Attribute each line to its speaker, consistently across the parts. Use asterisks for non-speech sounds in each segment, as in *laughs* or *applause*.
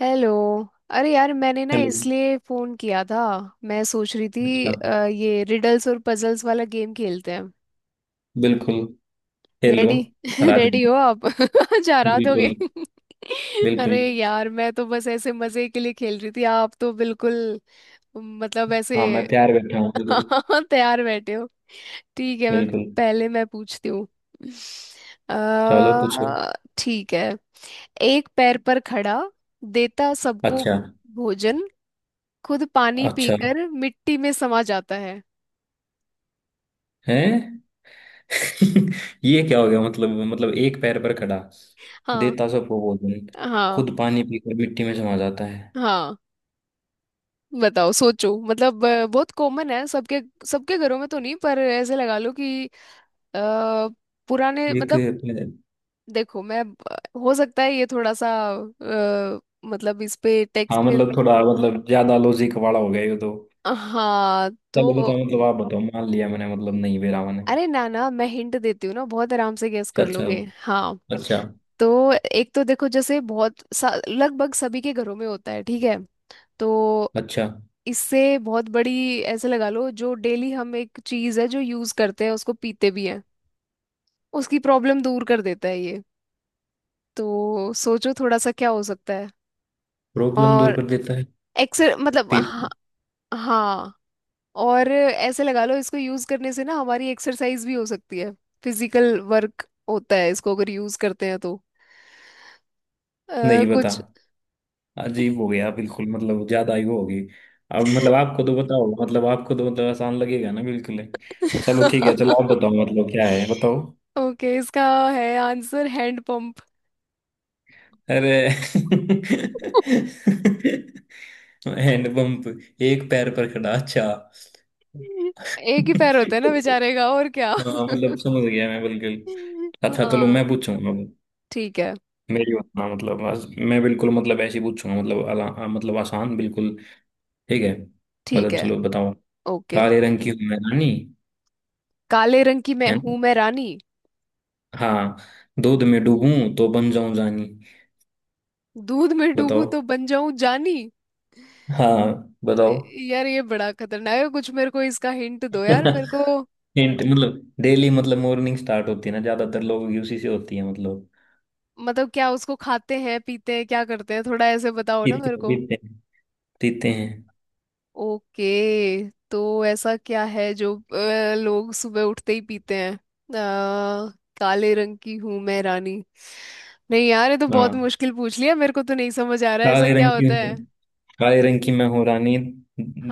Speaker 1: Hello. अरे यार, मैंने ना
Speaker 2: हेलो।
Speaker 1: इसलिए फ़ोन किया था। मैं सोच रही थी
Speaker 2: अच्छा।
Speaker 1: ये रिडल्स और पजल्स वाला गेम खेलते हैं।
Speaker 2: बिल्कुल। हेलो।
Speaker 1: रेडी। *laughs*
Speaker 2: राधे।
Speaker 1: रेडी हो आप? *laughs* जा रहा दोगे?
Speaker 2: बिल्कुल।
Speaker 1: *laughs* अरे
Speaker 2: बिल्कुल।
Speaker 1: यार, मैं तो बस ऐसे मज़े के लिए खेल रही थी, आप तो बिल्कुल मतलब ऐसे।
Speaker 2: हाँ, मैं तैयार बैठा हूँ,
Speaker 1: *laughs*
Speaker 2: बिल्कुल।
Speaker 1: तैयार बैठे हो। ठीक है। मैं
Speaker 2: बिल्कुल।
Speaker 1: पहले मैं पूछती हूँ।
Speaker 2: चलो, पूछो।
Speaker 1: अ, ठीक है। एक पैर पर खड़ा, देता सबको
Speaker 2: अच्छा।
Speaker 1: भोजन, खुद पानी
Speaker 2: अच्छा।
Speaker 1: पीकर मिट्टी में समा जाता है।
Speaker 2: है। *laughs* ये क्या हो गया? मतलब एक पैर पर खड़ा,
Speaker 1: हाँ।
Speaker 2: देता सबको भोजन,
Speaker 1: हाँ।
Speaker 2: खुद पानी पीकर मिट्टी में समा जाता है।
Speaker 1: हाँ। बताओ, सोचो। मतलब बहुत कॉमन है, सबके सबके घरों में तो नहीं, पर ऐसे लगा लो कि अ, पुराने
Speaker 2: एक
Speaker 1: मतलब,
Speaker 2: पैर-।
Speaker 1: देखो मैं, हो सकता है ये थोड़ा सा मतलब इस पे
Speaker 2: हाँ,
Speaker 1: टेक्स्ट में।
Speaker 2: मतलब थोड़ा, मतलब ज्यादा लॉजिक वाला हो गया ये तो।
Speaker 1: हाँ
Speaker 2: चलो
Speaker 1: तो।
Speaker 2: बताओ, मतलब आप बताओ, मान लिया मैंने, मतलब नहीं बेरा मैंने।
Speaker 1: अरे ना ना, मैं हिंट देती हूँ ना, बहुत आराम से गेस कर
Speaker 2: अच्छा।
Speaker 1: लोगे हाँ।
Speaker 2: अच्छा।
Speaker 1: तो एक तो देखो, जैसे लगभग सभी के घरों में होता है, ठीक है। तो
Speaker 2: अच्छा।
Speaker 1: इससे बहुत बड़ी, ऐसे लगा लो, जो डेली हम एक चीज है जो यूज करते हैं, उसको पीते भी हैं, उसकी प्रॉब्लम दूर कर देता है ये। तो सोचो थोड़ा सा, क्या हो सकता है।
Speaker 2: प्रॉब्लम दूर
Speaker 1: और
Speaker 2: कर देता है।
Speaker 1: एक्सर मतलब।
Speaker 2: फिर?
Speaker 1: हाँ, हाँ। और ऐसे लगा लो, इसको यूज करने से ना हमारी एक्सरसाइज भी हो सकती है, फिजिकल वर्क होता है इसको अगर यूज करते हैं तो
Speaker 2: नहीं बता।
Speaker 1: कुछ।
Speaker 2: अजीब हो गया बिल्कुल, मतलब ज्यादा ही वो होगी। अब मतलब आपको तो मतलब आसान लगेगा ना बिल्कुल ही। चलो ठीक है, चलो आप
Speaker 1: *laughs*
Speaker 2: बताओ, मतलब क्या है, बताओ।
Speaker 1: ओके, इसका है आंसर हैंड पंप।
Speaker 2: अरे *laughs*
Speaker 1: *laughs*
Speaker 2: हैंड पंप। एक पैर पर खड़ा, अच्छा।
Speaker 1: एक ही पैर होता है ना बेचारे का, और क्या।
Speaker 2: हाँ,
Speaker 1: *laughs*
Speaker 2: मतलब समझ गया मैं बिल्कुल। अच्छा, चलो
Speaker 1: हाँ।
Speaker 2: मैं पूछूंगा अब।
Speaker 1: ठीक है।
Speaker 2: मेरी बात ना, मतलब आज मैं बिल्कुल, मतलब ऐसे ही पूछूंगा, मतलब मतलब आसान बिल्कुल। ठीक है।
Speaker 1: ठीक
Speaker 2: मतलब
Speaker 1: है।
Speaker 2: चलो बताओ।
Speaker 1: ओके।
Speaker 2: काले रंग की हूं मैं रानी,
Speaker 1: काले रंग की मैं
Speaker 2: है ना।
Speaker 1: हूं, मैं रानी।
Speaker 2: हाँ। दूध में डूबूं तो बन जाऊं जानी,
Speaker 1: दूध में डूबूं
Speaker 2: बताओ।
Speaker 1: तो बन जाऊं जानी।
Speaker 2: हाँ, बताओ।
Speaker 1: यार ये बड़ा खतरनाक है कुछ, मेरे को इसका हिंट दो यार मेरे
Speaker 2: *laughs*
Speaker 1: को।
Speaker 2: हिंट मतलब डेली, मतलब मॉर्निंग स्टार्ट होती है ना ज्यादातर लोगों की उसी से होती है, मतलब
Speaker 1: मतलब क्या उसको खाते हैं, पीते हैं, क्या करते हैं, थोड़ा ऐसे बताओ ना
Speaker 2: पीते
Speaker 1: मेरे को।
Speaker 2: पीते हैं पीते हैं।
Speaker 1: ओके, तो ऐसा क्या है जो लोग सुबह उठते ही पीते हैं। अ, काले रंग की हूं मैं रानी। नहीं यार, ये तो बहुत
Speaker 2: हाँ।
Speaker 1: मुश्किल पूछ लिया, मेरे को तो नहीं समझ आ रहा है ऐसा
Speaker 2: काले
Speaker 1: क्या
Speaker 2: रंग की
Speaker 1: होता
Speaker 2: हूँ,
Speaker 1: है।
Speaker 2: काले रंग की मैं हूँ रानी।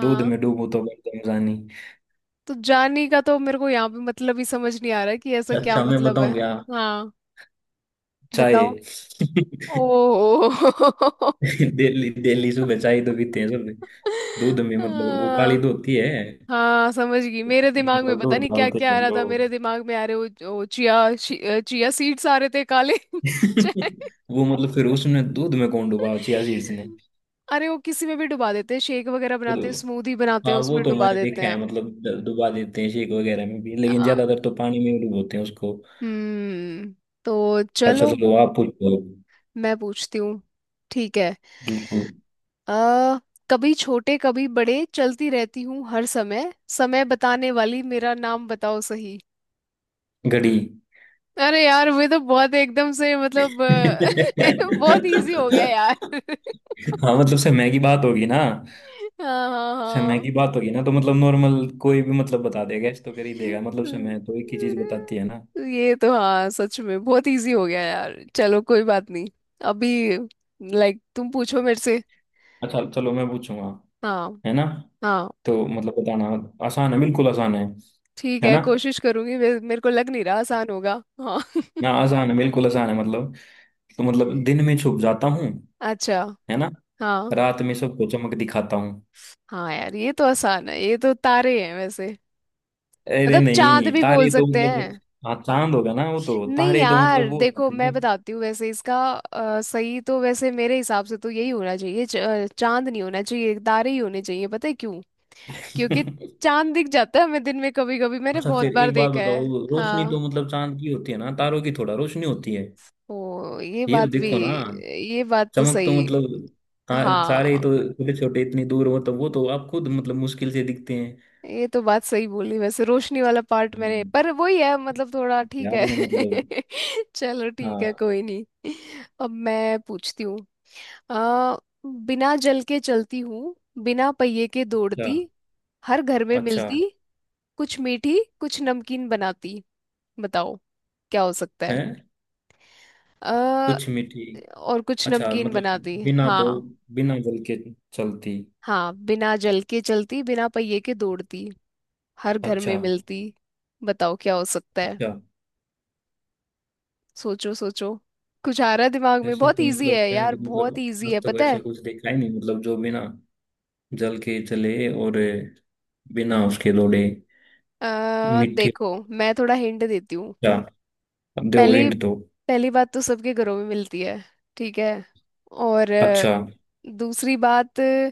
Speaker 2: दूध में डूबूं तो बन जाऊं जानी।
Speaker 1: तो जानी का तो मेरे को यहाँ पे मतलब ही समझ नहीं आ रहा है कि ऐसा क्या
Speaker 2: अच्छा मैं
Speaker 1: मतलब है।
Speaker 2: बताऊं क्या?
Speaker 1: हाँ
Speaker 2: चाय।
Speaker 1: बताओ।
Speaker 2: *laughs*
Speaker 1: ओ। *laughs*
Speaker 2: डेली डेली सुबह चाय तो पीते हैं सब। दूध में, मतलब वो काली
Speaker 1: हाँ।
Speaker 2: तो होती है,
Speaker 1: हाँ, समझ गई, मेरे दिमाग में
Speaker 2: मतलब
Speaker 1: पता
Speaker 2: दूध
Speaker 1: नहीं क्या
Speaker 2: डालते
Speaker 1: क्या आ
Speaker 2: हैं
Speaker 1: रहा था,
Speaker 2: लोग।
Speaker 1: मेरे दिमाग में आ रहे वो चिया, चिया सीड्स आ रहे थे काले। *laughs* चाय।
Speaker 2: *laughs* वो मतलब फिर उसने दूध में कौन डुबा, चिया सीड्स ने?
Speaker 1: अरे वो किसी में भी डुबा देते हैं, शेक वगैरह
Speaker 2: वो
Speaker 1: बनाते हैं,
Speaker 2: तो-।
Speaker 1: स्मूदी बनाते हैं
Speaker 2: हाँ, वो
Speaker 1: उसमें
Speaker 2: तो
Speaker 1: डुबा
Speaker 2: मैंने
Speaker 1: देते
Speaker 2: देखा है,
Speaker 1: हैं।
Speaker 2: मतलब डुबा देते हैं शेक वगैरह में भी, लेकिन
Speaker 1: आ,
Speaker 2: ज्यादातर तो पानी में ही डुबोते हैं उसको।
Speaker 1: हम्म तो
Speaker 2: अच्छा,
Speaker 1: चलो,
Speaker 2: चलो आप पूछो।
Speaker 1: मैं पूछती हूँ। ठीक है।
Speaker 2: बिल्कुल।
Speaker 1: अ कभी छोटे, कभी बड़े, चलती रहती हूँ हर समय, समय बताने वाली मेरा नाम बताओ सही।
Speaker 2: घड़ी।
Speaker 1: अरे यार, वे तो बहुत एकदम से मतलब *laughs* बहुत इजी हो गया
Speaker 2: हाँ,
Speaker 1: यार। *laughs*
Speaker 2: मतलब
Speaker 1: हाँ। हाँ।
Speaker 2: समय
Speaker 1: हाँ।
Speaker 2: की बात होगी ना तो, मतलब नॉर्मल कोई भी मतलब बता देगा, इस तो कर ही देगा, मतलब समय तो एक ही चीज
Speaker 1: हम्म।
Speaker 2: बताती है ना।
Speaker 1: ये तो हाँ, सच में बहुत इजी हो गया यार, चलो कोई बात नहीं। अभी लाइक तुम पूछो मेरे से।
Speaker 2: अच्छा, चलो मैं पूछूंगा,
Speaker 1: हाँ।
Speaker 2: है ना।
Speaker 1: हाँ।
Speaker 2: तो मतलब बताना आसान है, बिल्कुल आसान है
Speaker 1: ठीक
Speaker 2: है
Speaker 1: है,
Speaker 2: ना।
Speaker 1: कोशिश करूंगी, मेरे को लग नहीं रहा आसान होगा हाँ।
Speaker 2: ना, आसान है बिल्कुल आसान है मतलब। तो मतलब दिन में छुप जाता हूँ,
Speaker 1: *laughs* अच्छा।
Speaker 2: है ना,
Speaker 1: हाँ।
Speaker 2: रात में सबको चमक दिखाता हूँ।
Speaker 1: हाँ यार, ये तो आसान है, ये तो तारे हैं वैसे।
Speaker 2: अरे
Speaker 1: मतलब चांद
Speaker 2: नहीं,
Speaker 1: भी बोल
Speaker 2: तारे तो
Speaker 1: सकते
Speaker 2: मतलब।
Speaker 1: हैं।
Speaker 2: हाँ, चांद होगा ना वो, तो
Speaker 1: नहीं
Speaker 2: तारे तो मतलब
Speaker 1: यार
Speaker 2: वो हो
Speaker 1: देखो,
Speaker 2: जाते
Speaker 1: मैं
Speaker 2: हैं।
Speaker 1: बताती हूँ वैसे इसका, सही तो वैसे मेरे हिसाब से तो यही होना चाहिए, चांद नहीं होना चाहिए, तारे ही होने चाहिए। पता है क्यों? क्योंकि
Speaker 2: *laughs*
Speaker 1: चांद दिख जाता है हमें दिन में, कभी कभी मैंने
Speaker 2: अच्छा,
Speaker 1: बहुत
Speaker 2: फिर
Speaker 1: बार
Speaker 2: एक बात
Speaker 1: देखा है।
Speaker 2: बताओ, रोशनी
Speaker 1: हाँ।
Speaker 2: तो मतलब चांद की होती है ना, तारों की थोड़ा रोशनी होती है।
Speaker 1: ओ ये
Speaker 2: ये तो
Speaker 1: बात भी,
Speaker 2: देखो ना,
Speaker 1: ये बात तो
Speaker 2: चमक तो
Speaker 1: सही।
Speaker 2: मतलब तारे ही
Speaker 1: हाँ,
Speaker 2: तो, छोटे छोटे इतनी दूर हो तो वो तो आप खुद मतलब मुश्किल से दिखते हैं।
Speaker 1: ये तो बात सही बोली वैसे, रोशनी वाला पार्ट मैंने,
Speaker 2: हम्म।
Speaker 1: पर वही है, मतलब थोड़ा
Speaker 2: ये
Speaker 1: ठीक है।
Speaker 2: आपने मतलब।
Speaker 1: *laughs* चलो ठीक है,
Speaker 2: हाँ।
Speaker 1: कोई नहीं। अब मैं पूछती हूँ। आ बिना जल के चलती हूँ, बिना पहिए के
Speaker 2: अच्छा।
Speaker 1: दौड़ती, हर घर में
Speaker 2: अच्छा
Speaker 1: मिलती, कुछ मीठी कुछ नमकीन बनाती। बताओ, क्या हो सकता
Speaker 2: है,
Speaker 1: है। आ,
Speaker 2: कुछ मिट्टी।
Speaker 1: और कुछ
Speaker 2: अच्छा
Speaker 1: नमकीन
Speaker 2: मतलब
Speaker 1: बनाती
Speaker 2: बिना दो,
Speaker 1: हाँ।
Speaker 2: बिना जल के चलती।
Speaker 1: हाँ। बिना जल के चलती, बिना पहिए के दौड़ती, हर घर
Speaker 2: अच्छा।
Speaker 1: में मिलती। बताओ, क्या हो सकता है।
Speaker 2: अच्छा।
Speaker 1: सोचो सोचो। कुछ आ रहा है दिमाग में?
Speaker 2: ऐसा
Speaker 1: बहुत
Speaker 2: तो
Speaker 1: इजी
Speaker 2: मतलब
Speaker 1: है यार,
Speaker 2: मैंने तो मतलब
Speaker 1: बहुत इजी
Speaker 2: आज
Speaker 1: है,
Speaker 2: तक
Speaker 1: पता
Speaker 2: ऐसा
Speaker 1: है।
Speaker 2: कुछ देखा ही नहीं, मतलब जो बिना जल के चले, और बिना उसके दौड़े। मिट्टी।
Speaker 1: देखो, मैं थोड़ा हिंट देती हूँ।
Speaker 2: अच्छा, अब दो
Speaker 1: पहली,
Speaker 2: हिंट दो।
Speaker 1: पहली बात तो सबके घरों में मिलती है, ठीक है। और
Speaker 2: अच्छा।
Speaker 1: दूसरी बात,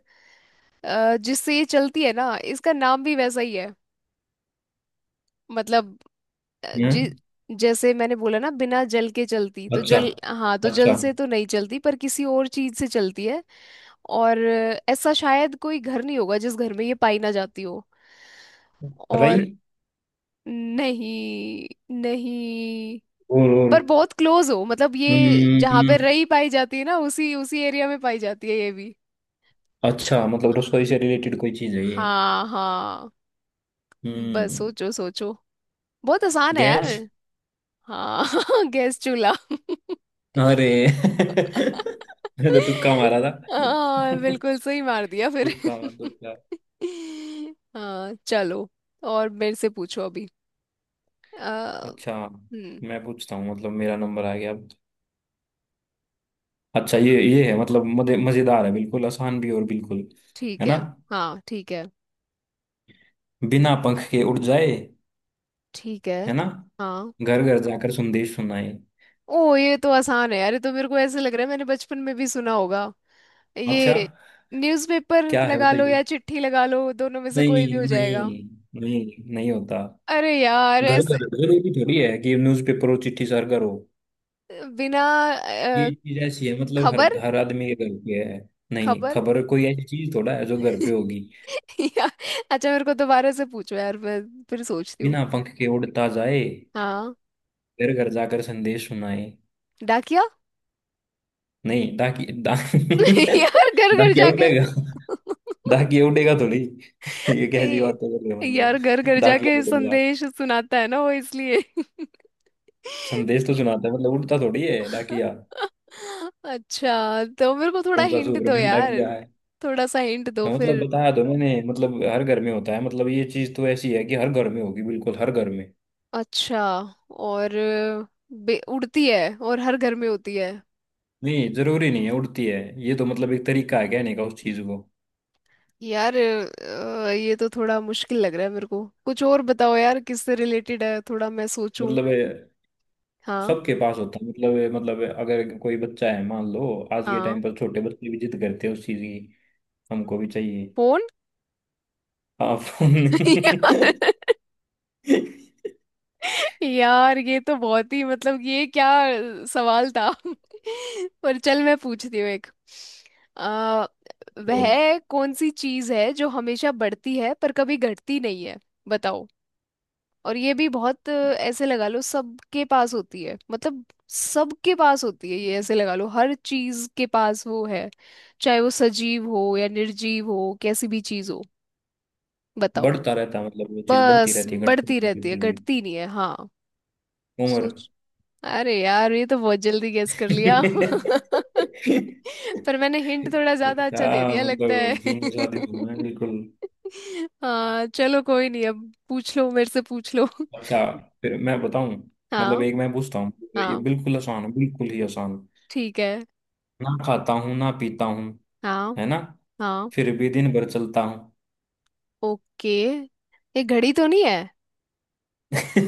Speaker 1: जिससे ये चलती है ना, इसका नाम भी वैसा ही है। मतलब जि
Speaker 2: हम्म।
Speaker 1: जैसे मैंने बोला ना, बिना जल के चलती, तो
Speaker 2: अच्छा।
Speaker 1: जल, हाँ, तो जल
Speaker 2: अच्छा।
Speaker 1: से तो नहीं चलती, पर किसी और चीज से चलती है। और ऐसा शायद कोई घर नहीं होगा जिस घर में ये पाई ना जाती हो। और
Speaker 2: रही।
Speaker 1: नहीं, नहीं,
Speaker 2: और
Speaker 1: पर बहुत क्लोज हो, मतलब ये जहाँ
Speaker 2: हम्म।
Speaker 1: पे रई पाई जाती है ना, उसी उसी एरिया में पाई जाती है ये भी।
Speaker 2: अच्छा, मतलब रसोई से रिलेटेड कोई चीज है ये।
Speaker 1: हाँ। हाँ, बस
Speaker 2: हम्म।
Speaker 1: सोचो सोचो, बहुत आसान है यार
Speaker 2: गैस।
Speaker 1: हाँ। *laughs* गैस चूल्हा।
Speaker 2: अरे *laughs* मैंने तो तुक्का मारा था।
Speaker 1: हाँ,
Speaker 2: तुक्का।
Speaker 1: बिल्कुल सही मार दिया फिर।
Speaker 2: तुक्का।
Speaker 1: *laughs* हाँ चलो, और मेरे से पूछो अभी। अ,
Speaker 2: अच्छा,
Speaker 1: हम्म।
Speaker 2: मैं पूछता हूँ, मतलब मेरा नंबर आ गया अब। अच्छा, ये है मतलब, मजेदार है बिल्कुल, आसान भी और बिल्कुल। है
Speaker 1: ठीक है।
Speaker 2: ना।
Speaker 1: हाँ। ठीक है।
Speaker 2: बिना पंख के उड़ जाए,
Speaker 1: ठीक
Speaker 2: है
Speaker 1: है।
Speaker 2: ना,
Speaker 1: हाँ।
Speaker 2: घर घर जाकर संदेश सुनाए।
Speaker 1: ओ, ये तो आसान है यार, ये तो मेरे को ऐसे लग रहा है मैंने बचपन में भी सुना होगा
Speaker 2: अच्छा।
Speaker 1: ये। न्यूज़पेपर
Speaker 2: क्या है,
Speaker 1: लगा लो या
Speaker 2: बताइए।
Speaker 1: चिट्ठी लगा लो, दोनों में से कोई भी
Speaker 2: नहीं,
Speaker 1: हो जाएगा।
Speaker 2: नहीं, नहीं, नहीं होता।
Speaker 1: अरे यार
Speaker 2: घर
Speaker 1: ऐसे,
Speaker 2: घर घर भी थोड़ी है कि न्यूज़पेपर और चिट्ठी सर करो।
Speaker 1: बिना अ,
Speaker 2: ये चीज ऐसी है मतलब हर
Speaker 1: खबर।
Speaker 2: हर आदमी के घर पे है। नहीं,
Speaker 1: खबर।
Speaker 2: खबर कोई ऐसी चीज थोड़ा है जो घर पे
Speaker 1: *laughs*
Speaker 2: होगी।
Speaker 1: या, अच्छा मेरे को दोबारा से पूछो यार, मैं फिर सोचती हूँ।
Speaker 2: बिना पंख के उड़ता जाए,
Speaker 1: हाँ।
Speaker 2: घर घर जाकर संदेश सुनाए।
Speaker 1: डाकिया।
Speaker 2: नहीं, डाकी डा
Speaker 1: *laughs* यार,
Speaker 2: *laughs*
Speaker 1: घर घर
Speaker 2: डाकिया
Speaker 1: जाके।
Speaker 2: उड़ेगा। डाकिया उड़ेगा थोड़ी।
Speaker 1: *laughs*
Speaker 2: ये कैसी
Speaker 1: ए,
Speaker 2: बात कर रहे हो,
Speaker 1: यार घर
Speaker 2: मतलब
Speaker 1: घर जाके
Speaker 2: डाकिया उड़ेगा?
Speaker 1: संदेश सुनाता है ना वो, इसलिए। *laughs*
Speaker 2: संदेश तो सुनाता है, मतलब उड़ता थोड़ी है डाकिया।
Speaker 1: अच्छा, तो मेरे को थोड़ा
Speaker 2: कौन सा
Speaker 1: हिंट दो
Speaker 2: सुपरमैन
Speaker 1: यार,
Speaker 2: डाकिया है?
Speaker 1: थोड़ा सा हिंट दो
Speaker 2: हाँ, मतलब
Speaker 1: फिर।
Speaker 2: बताया तो मैंने, मतलब हर घर में होता है, मतलब ये चीज तो ऐसी है कि हर घर में होगी, बिल्कुल हर घर में।
Speaker 1: अच्छा। और उड़ती है और हर घर में होती है।
Speaker 2: नहीं, जरूरी नहीं है उड़ती है, ये तो मतलब एक तरीका है कहने का उस चीज को।
Speaker 1: यार ये तो थोड़ा मुश्किल लग रहा है मेरे को, कुछ और बताओ यार, किससे रिलेटेड है, थोड़ा मैं सोचूं।
Speaker 2: मतलब ये
Speaker 1: हाँ।
Speaker 2: सबके पास होता है, मतलब ये अगर कोई बच्चा है मान लो, आज के
Speaker 1: हाँ।
Speaker 2: टाइम पर छोटे बच्चे भी जिद करते हैं उस चीज की, हमको भी चाहिए।
Speaker 1: फोन।
Speaker 2: हाँ, फोन।
Speaker 1: *laughs* यार,
Speaker 2: *laughs*
Speaker 1: यार ये तो बहुत ही मतलब, ये क्या सवाल था। *laughs* पर चल, मैं पूछती हूँ एक। आ,
Speaker 2: तो
Speaker 1: वह कौन सी चीज है जो हमेशा बढ़ती है पर कभी घटती नहीं है? बताओ। और ये भी बहुत, ऐसे लगा लो सबके पास होती है, मतलब सबके पास होती है ये, ऐसे लगा लो हर चीज के पास वो है, चाहे वो सजीव हो या निर्जीव हो, कैसी भी चीज हो। बताओ।
Speaker 2: बढ़ता रहता है मतलब, वो चीज बढ़ती
Speaker 1: बस
Speaker 2: रहती है, घटती
Speaker 1: बढ़ती
Speaker 2: नहीं
Speaker 1: रहती है,
Speaker 2: बिल्कुल भी।
Speaker 1: घटती नहीं है हाँ।
Speaker 2: उम्र।
Speaker 1: सोच। अरे यार, ये तो बहुत जल्दी गेस कर लिया। *laughs*
Speaker 2: *laughs*
Speaker 1: पर मैंने हिंट थोड़ा ज्यादा
Speaker 2: क्या,
Speaker 1: अच्छा दे दिया लगता
Speaker 2: मतलब
Speaker 1: है।
Speaker 2: जीनियस आदमी हूँ मैं बिल्कुल।
Speaker 1: *laughs* हाँ चलो कोई नहीं, अब पूछ लो मेरे से, पूछ लो। *laughs*
Speaker 2: अच्छा। फिर मैं बताऊं, मतलब
Speaker 1: हाँ।
Speaker 2: एक मैं पूछता हूँ। ये
Speaker 1: हाँ।
Speaker 2: बिल्कुल आसान है, बिल्कुल ही आसान।
Speaker 1: ठीक है।
Speaker 2: ना खाता हूँ ना पीता हूँ,
Speaker 1: हाँ।
Speaker 2: है ना,
Speaker 1: हाँ।
Speaker 2: फिर भी दिन भर चलता हूँ।
Speaker 1: ओके। ये घड़ी तो नहीं है?
Speaker 2: *laughs*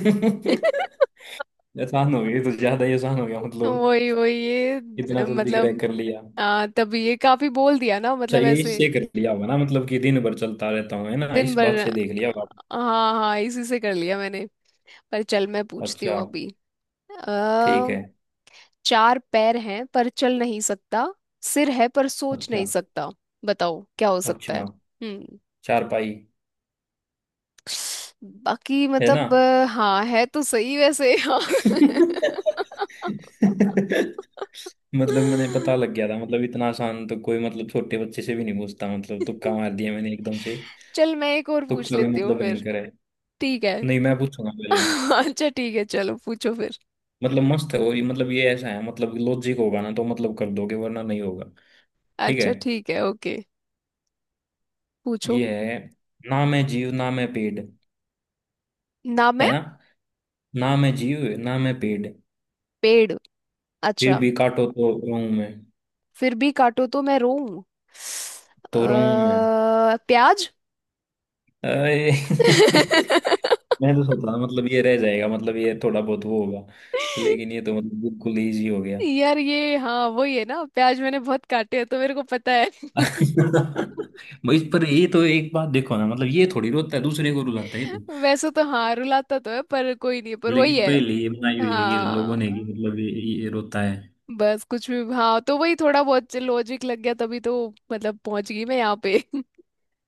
Speaker 1: *laughs*
Speaker 2: आसान हो गया, ये तो ज्यादा ही आसान हो गया मतलब,
Speaker 1: वही, वही ये
Speaker 2: इतना जल्दी क्रैक
Speaker 1: मतलब
Speaker 2: कर लिया।
Speaker 1: तभी ये काफी बोल दिया ना,
Speaker 2: अच्छा
Speaker 1: मतलब
Speaker 2: ये
Speaker 1: ऐसे
Speaker 2: इससे कर लिया होगा ना, मतलब कि दिन भर चलता रहता हूँ, है ना,
Speaker 1: दिन
Speaker 2: इस
Speaker 1: भर।
Speaker 2: बात से देख लिया होगा
Speaker 1: हाँ। हाँ, इसी से कर लिया मैंने। पर चल, मैं
Speaker 2: आपने।
Speaker 1: पूछती
Speaker 2: अच्छा
Speaker 1: हूँ अभी।
Speaker 2: ठीक
Speaker 1: अ
Speaker 2: है।
Speaker 1: चार पैर हैं पर चल नहीं सकता, सिर है पर सोच नहीं
Speaker 2: अच्छा।
Speaker 1: सकता। बताओ, क्या हो सकता है।
Speaker 2: अच्छा।
Speaker 1: हम्म।
Speaker 2: चारपाई।
Speaker 1: बाकी
Speaker 2: है ना।
Speaker 1: मतलब हाँ है तो सही वैसे, हाँ।
Speaker 2: मतलब मैंने पता लग गया था, मतलब इतना आसान तो कोई, मतलब छोटे बच्चे से भी नहीं पूछता, मतलब तुक्का मार दिया मैंने एकदम से।
Speaker 1: चल, मैं एक और पूछ
Speaker 2: तुक्का भी
Speaker 1: लेती हूँ
Speaker 2: मतलब
Speaker 1: फिर।
Speaker 2: भयंकर है।
Speaker 1: ठीक है।
Speaker 2: नहीं, मैं पूछूंगा पहले।
Speaker 1: *laughs* अच्छा ठीक है, चलो पूछो फिर।
Speaker 2: मतलब मस्त है, और ये मतलब, ये ऐसा है मतलब लॉजिक होगा ना तो मतलब कर दोगे, वरना नहीं होगा। ठीक
Speaker 1: अच्छा
Speaker 2: है।
Speaker 1: ठीक है। ओके, पूछो।
Speaker 2: ये है। ना मैं जीव, ना मैं पेड़,
Speaker 1: ना
Speaker 2: है
Speaker 1: मैं
Speaker 2: ना। ना मैं जीव, ना मैं पेड़।
Speaker 1: पेड़।
Speaker 2: फिर
Speaker 1: अच्छा।
Speaker 2: भी काटो तो रोऊं मैं।
Speaker 1: फिर भी काटो तो मैं रोऊं।
Speaker 2: तो रोऊं मैं।
Speaker 1: प्याज।
Speaker 2: अरे *laughs*
Speaker 1: *laughs*
Speaker 2: मैं तो सोचा था, मतलब ये रह जाएगा, मतलब ये थोड़ा बहुत वो होगा, लेकिन ये तो मतलब बिल्कुल इजी हो गया।
Speaker 1: यार ये हाँ, वही है ना प्याज, मैंने बहुत काटे हैं तो मेरे को पता है।
Speaker 2: *laughs*
Speaker 1: *laughs*
Speaker 2: इस पर ये तो एक बात देखो ना, मतलब ये थोड़ी रोता है, दूसरे को रुलाता है ये तो।
Speaker 1: वैसे तो हाँ, रुलाता तो है पर, कोई नहीं, पर वही
Speaker 2: लेकिन
Speaker 1: है।
Speaker 2: पहले ये बनाई हुई है ये
Speaker 1: हाँ,
Speaker 2: लोगों ने कि मतलब ये रोता है।
Speaker 1: बस कुछ भी, हाँ, तो वही थोड़ा बहुत लॉजिक लग गया तभी तो, मतलब पहुंच गई मैं यहाँ पे। *laughs*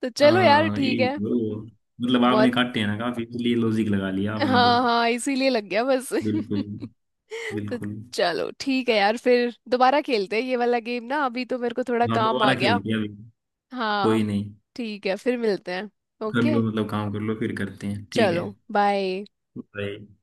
Speaker 1: तो चलो यार
Speaker 2: हाँ,
Speaker 1: ठीक
Speaker 2: ये
Speaker 1: है।
Speaker 2: तो मतलब आपने
Speaker 1: बहुत।
Speaker 2: काटे हैं ना काफी, इसलिए लॉजिक लगा लिया आपने तो।
Speaker 1: हाँ। हाँ, इसीलिए लग गया बस।
Speaker 2: बिल्कुल।
Speaker 1: *laughs* तो
Speaker 2: बिल्कुल।
Speaker 1: चलो ठीक है यार, फिर दोबारा खेलते हैं ये वाला गेम ना, अभी तो मेरे को थोड़ा
Speaker 2: हाँ,
Speaker 1: काम आ
Speaker 2: दोबारा
Speaker 1: गया।
Speaker 2: खेलते हैं अभी।
Speaker 1: हाँ।
Speaker 2: कोई नहीं।
Speaker 1: ठीक है, फिर मिलते हैं।
Speaker 2: कर
Speaker 1: ओके।
Speaker 2: लो, मतलब काम कर लो, फिर करते हैं, ठीक
Speaker 1: चलो
Speaker 2: है।
Speaker 1: बाय।
Speaker 2: बाय।